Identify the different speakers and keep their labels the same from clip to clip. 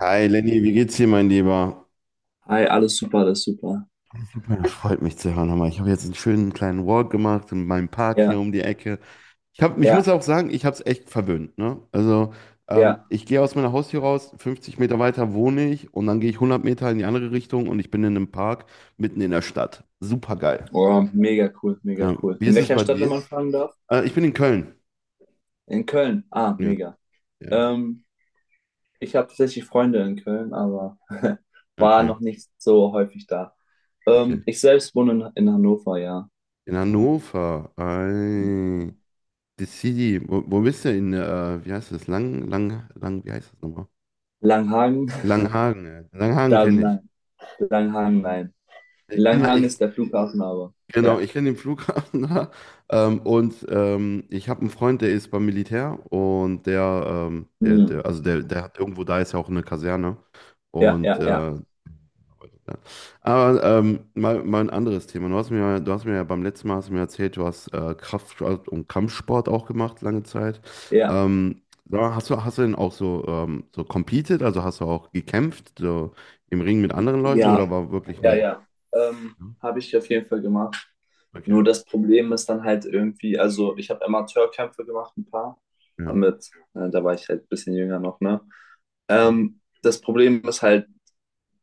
Speaker 1: Hi Lenny, wie geht's dir, mein Lieber?
Speaker 2: Hi, alles super, alles super.
Speaker 1: Super, das freut mich zu hören. Hammer. Ich habe jetzt einen schönen kleinen Walk gemacht in meinem Park hier um
Speaker 2: Ja,
Speaker 1: die Ecke. Ich muss
Speaker 2: ja,
Speaker 1: auch sagen, ich habe es echt verwöhnt. Ne? Also
Speaker 2: ja.
Speaker 1: ich gehe aus meiner Haustür raus, 50 Meter weiter wohne ich und dann gehe ich 100 Meter in die andere Richtung und ich bin in einem Park mitten in der Stadt. Super geil.
Speaker 2: Oh, mega cool, mega
Speaker 1: Ja.
Speaker 2: cool.
Speaker 1: Wie
Speaker 2: In
Speaker 1: ist es
Speaker 2: welcher
Speaker 1: bei
Speaker 2: Stadt, wenn
Speaker 1: dir?
Speaker 2: man fragen darf?
Speaker 1: Ich bin in Köln.
Speaker 2: In Köln. Ah,
Speaker 1: Ja,
Speaker 2: mega.
Speaker 1: ja.
Speaker 2: Ähm, Ich habe tatsächlich Freunde in Köln, aber war
Speaker 1: Okay,
Speaker 2: noch nicht so häufig da.
Speaker 1: okay.
Speaker 2: Ich selbst wohne in Hannover, ja.
Speaker 1: In Hannover. Ei. Die City, wo bist du in, wie heißt das? Wie heißt das nochmal?
Speaker 2: Langhagen?
Speaker 1: Langhagen. Ja. Langhagen
Speaker 2: Da,
Speaker 1: kenne ich.
Speaker 2: nein. Langhagen, nein.
Speaker 1: Ich kenne,
Speaker 2: Langhagen
Speaker 1: ich,
Speaker 2: ist der Flughafen, aber
Speaker 1: genau,
Speaker 2: ja.
Speaker 1: ich kenne den Flughafen da. Und ich habe einen Freund, der ist beim Militär und der, ähm, der,
Speaker 2: Hm.
Speaker 1: der also der, der hat irgendwo, da ist ja auch eine Kaserne.
Speaker 2: Ja,
Speaker 1: Und
Speaker 2: ja, ja,
Speaker 1: ja. Aber mal ein anderes Thema. Ja, du hast mir ja beim letzten Mal hast du mir erzählt, du hast Kraftsport und Kampfsport auch gemacht, lange Zeit.
Speaker 2: ja,
Speaker 1: Da hast du denn auch so, so competed, also hast du auch gekämpft, so im Ring mit anderen Leuten oder
Speaker 2: ja,
Speaker 1: war wirklich
Speaker 2: ja,
Speaker 1: nur?
Speaker 2: ja. Habe ich auf jeden Fall gemacht.
Speaker 1: Okay,
Speaker 2: Nur das Problem ist dann halt irgendwie, also ich habe Amateurkämpfe gemacht, ein paar.
Speaker 1: ja,
Speaker 2: Da war ich halt ein bisschen jünger noch, ne?
Speaker 1: ja,
Speaker 2: Das Problem ist halt,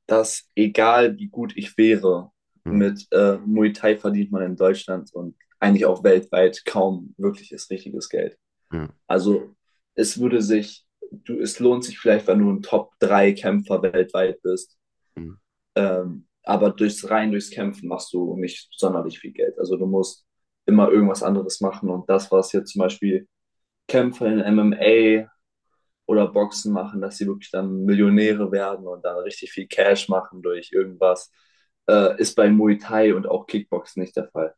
Speaker 2: dass egal wie gut ich wäre,
Speaker 1: ja,
Speaker 2: mit Muay Thai verdient man in Deutschland und eigentlich auch weltweit kaum wirkliches richtiges Geld.
Speaker 1: ja.
Speaker 2: Also es würde sich, du, es lohnt sich vielleicht, wenn du ein top drei kämpfer weltweit bist,
Speaker 1: Mhm.
Speaker 2: aber durchs Kämpfen machst du nicht sonderlich viel Geld. Also du musst immer irgendwas anderes machen. Und das, was jetzt zum Beispiel Kämpfer in MMA oder Boxen machen, dass sie wirklich dann Millionäre werden und dann richtig viel Cash machen durch irgendwas, ist bei Muay Thai und auch Kickboxen nicht der Fall.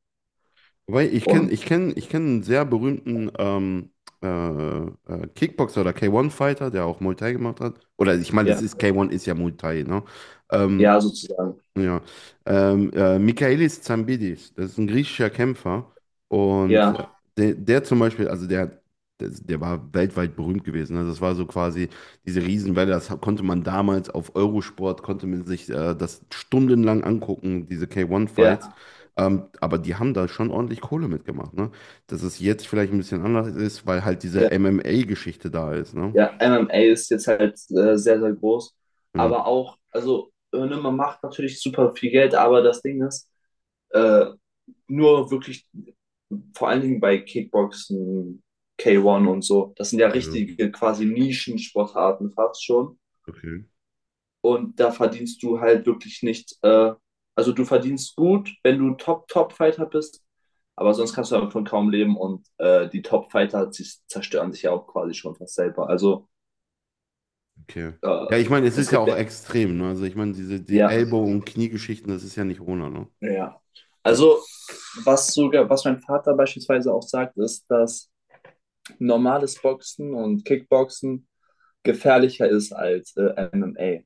Speaker 1: Wobei, ich kenne
Speaker 2: Und
Speaker 1: ich kenn, ich kenn einen sehr berühmten Kickboxer oder K1-Fighter, der auch Muay Thai gemacht hat. Oder ich meine, das
Speaker 2: ja,
Speaker 1: ist K1 ist ja Muay Thai, ne? Ähm,
Speaker 2: ja, sozusagen.
Speaker 1: Ja, Michaelis Zambidis, das ist ein griechischer Kämpfer und
Speaker 2: Ja,
Speaker 1: der, der zum Beispiel, also der, der, der war weltweit berühmt gewesen. Ne? Das war so quasi diese Riesenwelle, das konnte man damals auf Eurosport, konnte man sich das stundenlang angucken, diese K1-Fights.
Speaker 2: ja,
Speaker 1: Aber die haben da schon ordentlich Kohle mitgemacht. Ne? Dass es jetzt vielleicht ein bisschen anders ist, weil halt diese
Speaker 2: ja,
Speaker 1: MMA-Geschichte da ist. Ne?
Speaker 2: ja. MMA ist jetzt halt sehr, sehr groß.
Speaker 1: Ja,
Speaker 2: Aber auch, also, ne, man macht natürlich super viel Geld, aber das Ding ist, äh, nur wirklich vor allen Dingen bei Kickboxen, K1 und so. Das sind ja
Speaker 1: ja,
Speaker 2: richtige quasi Nischensportarten fast schon.
Speaker 1: okay.
Speaker 2: Und da verdienst du halt wirklich nicht, also du verdienst gut, wenn du Top-Top-Fighter bist, aber sonst kannst du davon kaum leben und die Top-Fighter sie zerstören sich ja auch quasi schon fast selber. Also
Speaker 1: Okay. Ja,
Speaker 2: äh,
Speaker 1: ich meine, es
Speaker 2: es
Speaker 1: ist ja
Speaker 2: gibt
Speaker 1: auch
Speaker 2: ja,
Speaker 1: extrem, ne? Also ich meine, die
Speaker 2: ja,
Speaker 1: Ellbogen- und Kniegeschichten, das ist ja nicht ohne, ne?
Speaker 2: ja.
Speaker 1: Hm,
Speaker 2: Also was mein Vater beispielsweise auch sagt, ist, dass normales Boxen und Kickboxen gefährlicher ist als MMA.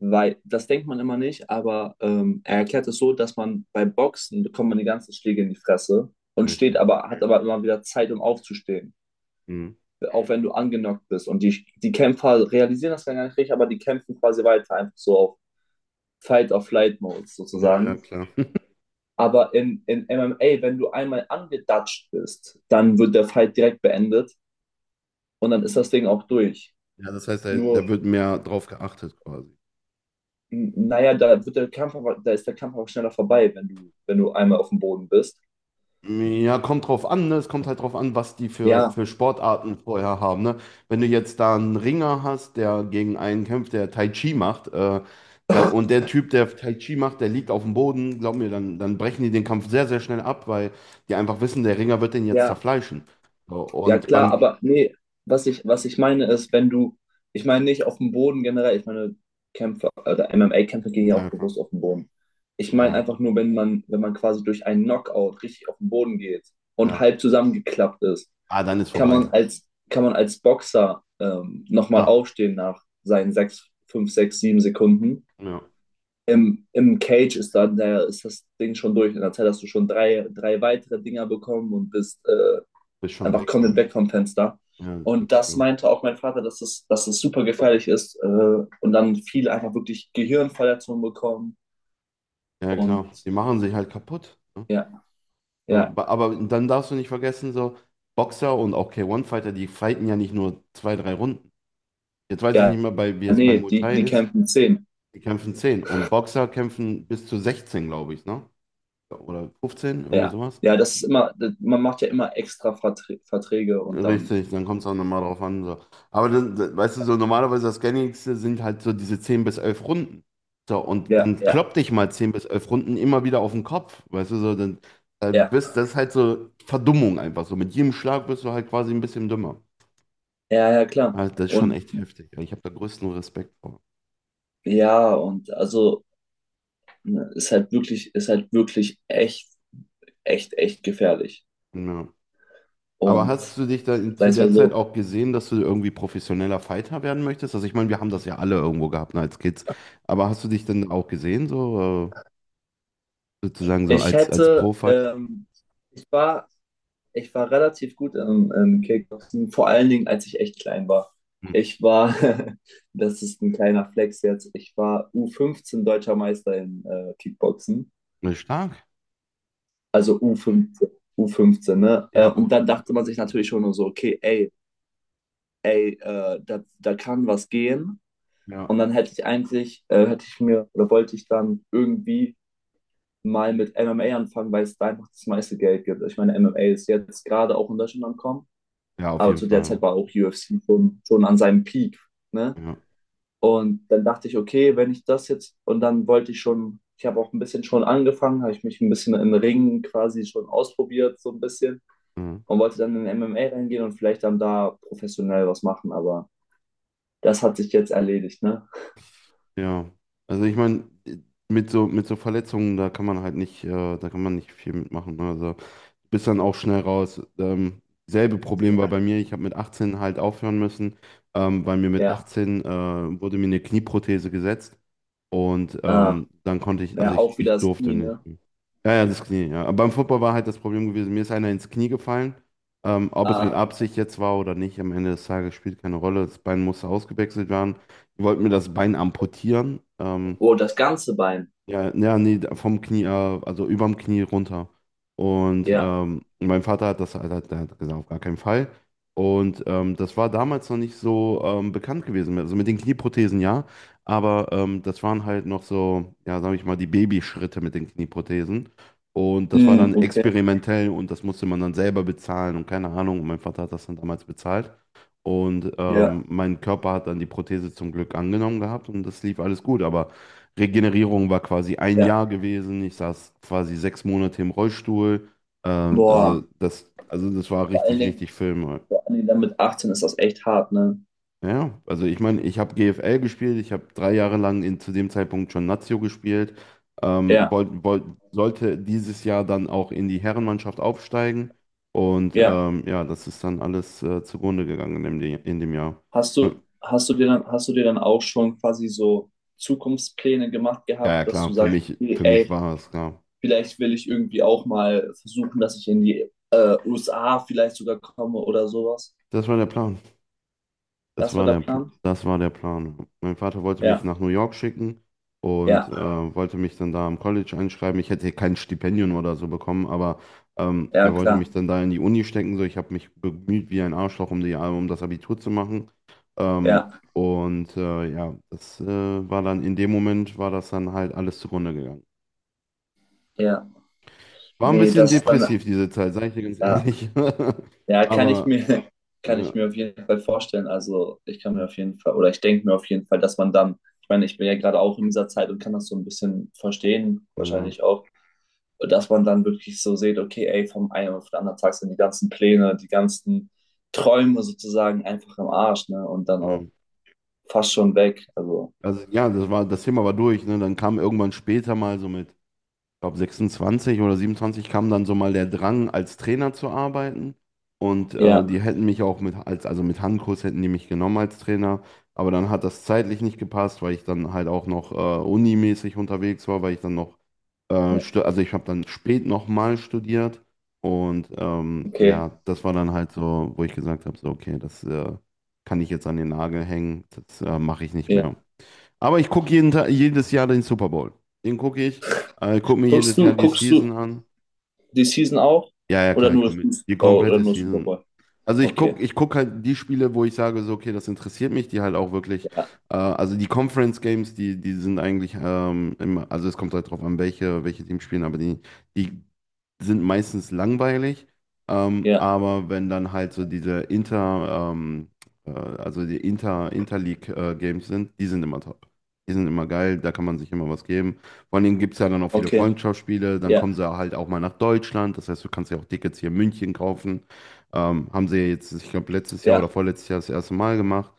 Speaker 2: Weil das denkt man immer nicht, aber er erklärt es so, dass man bei Boxen bekommt man die ganzen Schläge in die Fresse und
Speaker 1: richtig.
Speaker 2: hat aber immer wieder Zeit, um aufzustehen.
Speaker 1: Mhm.
Speaker 2: Auch wenn du angenockt bist. Und die Kämpfer realisieren das gar nicht richtig, aber die kämpfen quasi weiter, einfach so auf fight or flight mode
Speaker 1: Ja, ja,
Speaker 2: sozusagen.
Speaker 1: klar.
Speaker 2: Aber in MMA, wenn du einmal angedatscht bist, dann wird der Fight direkt beendet und dann ist das Ding auch durch.
Speaker 1: Ja, das heißt, da,
Speaker 2: Nur
Speaker 1: da wird mehr drauf geachtet quasi.
Speaker 2: Naja, da ist der Kampf auch schneller vorbei, wenn du, einmal auf dem Boden bist.
Speaker 1: Ja, kommt drauf an, ne? Es kommt halt drauf an, was die für,
Speaker 2: Ja,
Speaker 1: für Sportarten vorher haben, ne? Wenn du jetzt da einen Ringer hast, der gegen einen kämpft, der Tai Chi macht, dann, und der Typ, der Tai Chi macht, der liegt auf dem Boden, glaub mir, dann brechen die den Kampf sehr, sehr schnell ab, weil die einfach wissen, der Ringer wird den jetzt
Speaker 2: ja,
Speaker 1: zerfleischen. So.
Speaker 2: ja,
Speaker 1: Und
Speaker 2: klar,
Speaker 1: beim.
Speaker 2: aber nee, was ich meine ist, wenn du, ich meine nicht auf dem Boden generell, ich meine Kämpfer, oder MMA-Kämpfer gehen ja auch
Speaker 1: Ja, klar.
Speaker 2: bewusst auf den Boden. Ich meine
Speaker 1: Ja,
Speaker 2: einfach nur, wenn man, quasi durch einen Knockout richtig auf den Boden geht und
Speaker 1: ja.
Speaker 2: halb zusammengeklappt ist,
Speaker 1: Ah, dann ist
Speaker 2: kann
Speaker 1: vorbei.
Speaker 2: man als, kann man als Boxer nochmal
Speaker 1: Ah,
Speaker 2: aufstehen nach seinen 6, 5, 6, 7 Sekunden
Speaker 1: ja.
Speaker 2: im Cage ist das Ding schon durch. In der Zeit hast du schon drei weitere Dinger bekommen und bist
Speaker 1: Bist schon
Speaker 2: einfach
Speaker 1: weg. Ja,
Speaker 2: komplett weg vom Fenster.
Speaker 1: ja, das
Speaker 2: Und
Speaker 1: ist
Speaker 2: das
Speaker 1: so.
Speaker 2: meinte auch mein Vater, dass es super gefährlich ist und dann viele einfach wirklich Gehirnverletzungen bekommen.
Speaker 1: Ja,
Speaker 2: Und
Speaker 1: klar. Die machen sich halt kaputt. Ne?
Speaker 2: ja,
Speaker 1: So,
Speaker 2: ja,
Speaker 1: aber dann darfst du nicht vergessen, so Boxer und auch K1-Fighter, die fighten ja nicht nur zwei, drei Runden. Jetzt weiß ich
Speaker 2: ja,
Speaker 1: nicht mehr, wie es bei
Speaker 2: nee,
Speaker 1: Muay
Speaker 2: die,
Speaker 1: Thai
Speaker 2: die
Speaker 1: ist.
Speaker 2: kämpfen 10.
Speaker 1: Die kämpfen 10. Und Boxer kämpfen bis zu 16, glaube ich, ne? Oder 15, irgendwie
Speaker 2: Ja,
Speaker 1: sowas.
Speaker 2: ja, das ist immer, man macht ja immer extra Verträge und dann,
Speaker 1: Richtig, dann kommt es auch nochmal drauf an. So. Aber weißt du, so normalerweise das Gängigste sind halt so diese 10 bis 11 Runden. So, und
Speaker 2: ja,
Speaker 1: dann
Speaker 2: ja,
Speaker 1: klopp dich mal 10 bis 11 Runden immer wieder auf den Kopf. Weißt du, so, dann, dann
Speaker 2: ja,
Speaker 1: bist das ist halt so Verdummung einfach. So mit jedem Schlag bist du halt quasi ein bisschen dümmer.
Speaker 2: ja, ja, klar.
Speaker 1: Also das ist schon
Speaker 2: Und
Speaker 1: echt heftig. Ich habe da größten Respekt vor.
Speaker 2: ja, und also ne, ist halt wirklich, echt, echt, echt gefährlich.
Speaker 1: Ja. Aber
Speaker 2: Und
Speaker 1: hast du dich dann zu
Speaker 2: sagen wir
Speaker 1: der
Speaker 2: mal
Speaker 1: Zeit
Speaker 2: so,
Speaker 1: auch gesehen, dass du irgendwie professioneller Fighter werden möchtest? Also ich meine, wir haben das ja alle irgendwo gehabt, ne, als Kids. Aber hast du dich dann auch gesehen, so? äh, Sozusagen so
Speaker 2: ich
Speaker 1: als
Speaker 2: hätte,
Speaker 1: Pro-Fighter.
Speaker 2: ähm, ich war, ich war relativ gut im Kickboxen, vor allen Dingen, als ich echt klein war.
Speaker 1: Hm.
Speaker 2: Ich war, Das ist ein kleiner Flex jetzt, ich war U15 deutscher Meister in Kickboxen.
Speaker 1: Ja, stark.
Speaker 2: Also U15, U15, ne?
Speaker 1: Ja,
Speaker 2: Und
Speaker 1: und,
Speaker 2: dann dachte man sich natürlich schon nur so, okay, da kann was gehen. Und
Speaker 1: ja.
Speaker 2: dann hätte ich mir oder wollte ich dann irgendwie mal mit MMA anfangen, weil es da einfach das meiste Geld gibt. Ich meine, MMA ist jetzt gerade auch in Deutschland angekommen,
Speaker 1: Ja, auf
Speaker 2: aber
Speaker 1: jeden
Speaker 2: zu der Zeit
Speaker 1: Fall.
Speaker 2: war auch UFC schon an seinem Peak. Ne?
Speaker 1: Ja.
Speaker 2: Und dann dachte ich, okay, wenn ich das jetzt, und dann wollte ich schon, ich habe auch ein bisschen schon angefangen, habe ich mich ein bisschen im Ringen quasi schon ausprobiert, so ein bisschen,
Speaker 1: Mhm.
Speaker 2: und wollte dann in MMA reingehen und vielleicht dann da professionell was machen, aber das hat sich jetzt erledigt, ne?
Speaker 1: Ja. Also ich meine, mit so Verletzungen, da kann man halt nicht, da kann man nicht viel mitmachen. Ne? Also bist dann auch schnell raus. Selbe Problem
Speaker 2: Ja,
Speaker 1: war bei mir, ich habe mit 18 halt aufhören müssen, weil mir mit
Speaker 2: ja.
Speaker 1: 18 wurde mir eine Knieprothese gesetzt und
Speaker 2: Ah,
Speaker 1: dann konnte ich, also
Speaker 2: ja,
Speaker 1: ich,
Speaker 2: auch wieder
Speaker 1: ich
Speaker 2: das
Speaker 1: durfte
Speaker 2: Knie,
Speaker 1: nicht
Speaker 2: ne?
Speaker 1: mehr. Ja, ja, das Knie, ja. Aber beim Football war halt das Problem gewesen, mir ist einer ins Knie gefallen. Ob es mit
Speaker 2: Ah,
Speaker 1: Absicht jetzt war oder nicht, am Ende des Tages spielt keine Rolle. Das Bein musste ausgewechselt werden. Die wollten mir das Bein amputieren.
Speaker 2: oh, das ganze Bein.
Speaker 1: Ja, ja, nee, vom Knie, also überm Knie runter. Und
Speaker 2: Ja.
Speaker 1: mein Vater hat das, der hat gesagt, auf gar keinen Fall. Und das war damals noch nicht so bekannt gewesen. Also mit den Knieprothesen, ja, aber das waren halt noch so, ja, sag ich mal, die Babyschritte mit den Knieprothesen. Und das war
Speaker 2: Hm,
Speaker 1: dann
Speaker 2: okay.
Speaker 1: experimentell und das musste man dann selber bezahlen und keine Ahnung. Und mein Vater hat das dann damals bezahlt. Und
Speaker 2: Ja,
Speaker 1: mein Körper hat dann die Prothese zum Glück angenommen gehabt und das lief alles gut. Aber Regenerierung war quasi ein
Speaker 2: ja.
Speaker 1: Jahr gewesen. Ich saß quasi 6 Monate im Rollstuhl. Äh, also
Speaker 2: Boah.
Speaker 1: das war
Speaker 2: Vor allen
Speaker 1: richtig,
Speaker 2: Dingen,
Speaker 1: richtig Film.
Speaker 2: vor allen Dingen dann mit 18 ist das echt hart, ne?
Speaker 1: Ja, also ich meine, ich habe GFL gespielt, ich habe 3 Jahre lang zu dem Zeitpunkt schon Lazio gespielt, ähm,
Speaker 2: Ja,
Speaker 1: wollt, wollt, sollte dieses Jahr dann auch in die Herrenmannschaft aufsteigen und
Speaker 2: ja.
Speaker 1: ja, das ist dann alles zugrunde gegangen in dem Jahr. Und,
Speaker 2: Hast du dir dann auch schon quasi so Zukunftspläne gemacht
Speaker 1: ja, ja,
Speaker 2: gehabt, dass du
Speaker 1: klar, für
Speaker 2: sagst,
Speaker 1: mich,
Speaker 2: okay,
Speaker 1: für mich
Speaker 2: ey,
Speaker 1: war es klar.
Speaker 2: vielleicht will ich irgendwie auch mal versuchen, dass ich in die USA vielleicht sogar komme oder sowas.
Speaker 1: Das war der Plan. Das
Speaker 2: Das war
Speaker 1: war
Speaker 2: der
Speaker 1: der, Pl-
Speaker 2: Plan?
Speaker 1: das war der Plan. Mein Vater wollte mich
Speaker 2: Ja,
Speaker 1: nach New York schicken und
Speaker 2: ja,
Speaker 1: wollte mich dann da am College einschreiben. Ich hätte kein Stipendium oder so bekommen, aber er
Speaker 2: ja,
Speaker 1: wollte
Speaker 2: klar.
Speaker 1: mich dann da in die Uni stecken. So, ich habe mich bemüht wie ein Arschloch, um das Abitur zu machen. Ähm,
Speaker 2: Ja,
Speaker 1: ja, das war dann in dem Moment, war das dann halt alles zugrunde gegangen.
Speaker 2: ja.
Speaker 1: War ein
Speaker 2: Nee,
Speaker 1: bisschen
Speaker 2: das ist dann,
Speaker 1: depressiv diese Zeit, sage ich dir ganz
Speaker 2: ja,
Speaker 1: ehrlich.
Speaker 2: ja, kann ich
Speaker 1: Aber
Speaker 2: mir, kann
Speaker 1: ja,
Speaker 2: ich mir auf jeden Fall vorstellen. Also ich kann mir auf jeden Fall, oder ich denke mir auf jeden Fall, dass man dann, ich meine, ich bin ja gerade auch in dieser Zeit und kann das so ein bisschen verstehen,
Speaker 1: ja,
Speaker 2: wahrscheinlich auch, dass man dann wirklich so sieht, okay, ey, vom einen auf den anderen Tag sind die ganzen Pläne, die ganzen Träume sozusagen einfach im Arsch, ne? Und dann auch
Speaker 1: ja.
Speaker 2: fast schon weg. Also,
Speaker 1: Also ja, das Thema war durch, ne? Dann kam irgendwann später mal so mit, ich glaube 26 oder 27 kam dann so mal der Drang, als Trainer zu arbeiten. Und die
Speaker 2: ja,
Speaker 1: hätten mich auch also mit Handkurs hätten die mich genommen als Trainer. Aber dann hat das zeitlich nicht gepasst, weil ich dann halt auch noch unimäßig unterwegs war, weil ich dann noch, stu-
Speaker 2: ja,
Speaker 1: also ich habe dann spät nochmal studiert. Und
Speaker 2: okay.
Speaker 1: ja, das war dann halt so, wo ich gesagt habe, so, okay, das kann ich jetzt an den Nagel hängen, das mache ich nicht mehr.
Speaker 2: Ja.
Speaker 1: Aber ich gucke jeden Tag, jedes Jahr den Super Bowl. Den gucke ich. Gucke mir
Speaker 2: Guckst
Speaker 1: jedes
Speaker 2: du,
Speaker 1: Jahr die
Speaker 2: guckst du
Speaker 1: Season an.
Speaker 2: die Season auch?
Speaker 1: Ja, ja,
Speaker 2: Oder
Speaker 1: klar, ich
Speaker 2: nur,
Speaker 1: gucke die
Speaker 2: Oh, oder
Speaker 1: komplette
Speaker 2: nur Super
Speaker 1: Season.
Speaker 2: Bowl?
Speaker 1: Also ich
Speaker 2: Okay.
Speaker 1: gucke ich guck halt die Spiele, wo ich sage, so, okay, das interessiert mich, die halt auch wirklich,
Speaker 2: Ja,
Speaker 1: also die Conference Games, die sind eigentlich immer, also es kommt halt drauf an, welche Teams spielen, aber die sind meistens langweilig.
Speaker 2: ja,
Speaker 1: Aber wenn dann halt so diese Interleague Games sind, die sind immer top. Die sind immer geil, da kann man sich immer was geben. Vor allen Dingen gibt es ja dann auch viele
Speaker 2: okay.
Speaker 1: Freundschaftsspiele, dann kommen
Speaker 2: Ja,
Speaker 1: sie halt auch mal nach Deutschland, das heißt, du kannst ja auch Tickets hier in München kaufen. Haben sie jetzt, ich glaube, letztes Jahr oder
Speaker 2: ja.
Speaker 1: vorletztes Jahr das erste Mal gemacht.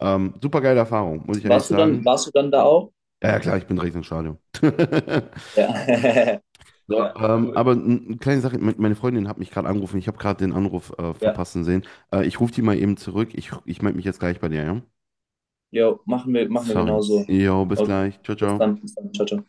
Speaker 1: Super geile Erfahrung, muss ich ehrlich
Speaker 2: Warst du dann,
Speaker 1: sagen.
Speaker 2: warst du dann da auch?
Speaker 1: Ja, ja, klar, ich bin direkt ins Stadion.
Speaker 2: Ja.
Speaker 1: So,
Speaker 2: Ja, cool.
Speaker 1: aber eine kleine Sache, meine Freundin hat mich gerade angerufen, ich habe gerade den Anruf
Speaker 2: Ja.
Speaker 1: verpassen sehen. Ich rufe die mal eben zurück, ich melde mich jetzt gleich bei dir, ja?
Speaker 2: Jo, machen wir
Speaker 1: Sorry.
Speaker 2: genauso.
Speaker 1: Jo, bis
Speaker 2: Okay.
Speaker 1: gleich. Ciao,
Speaker 2: Bis
Speaker 1: ciao.
Speaker 2: dann, bis dann. Ciao, ciao.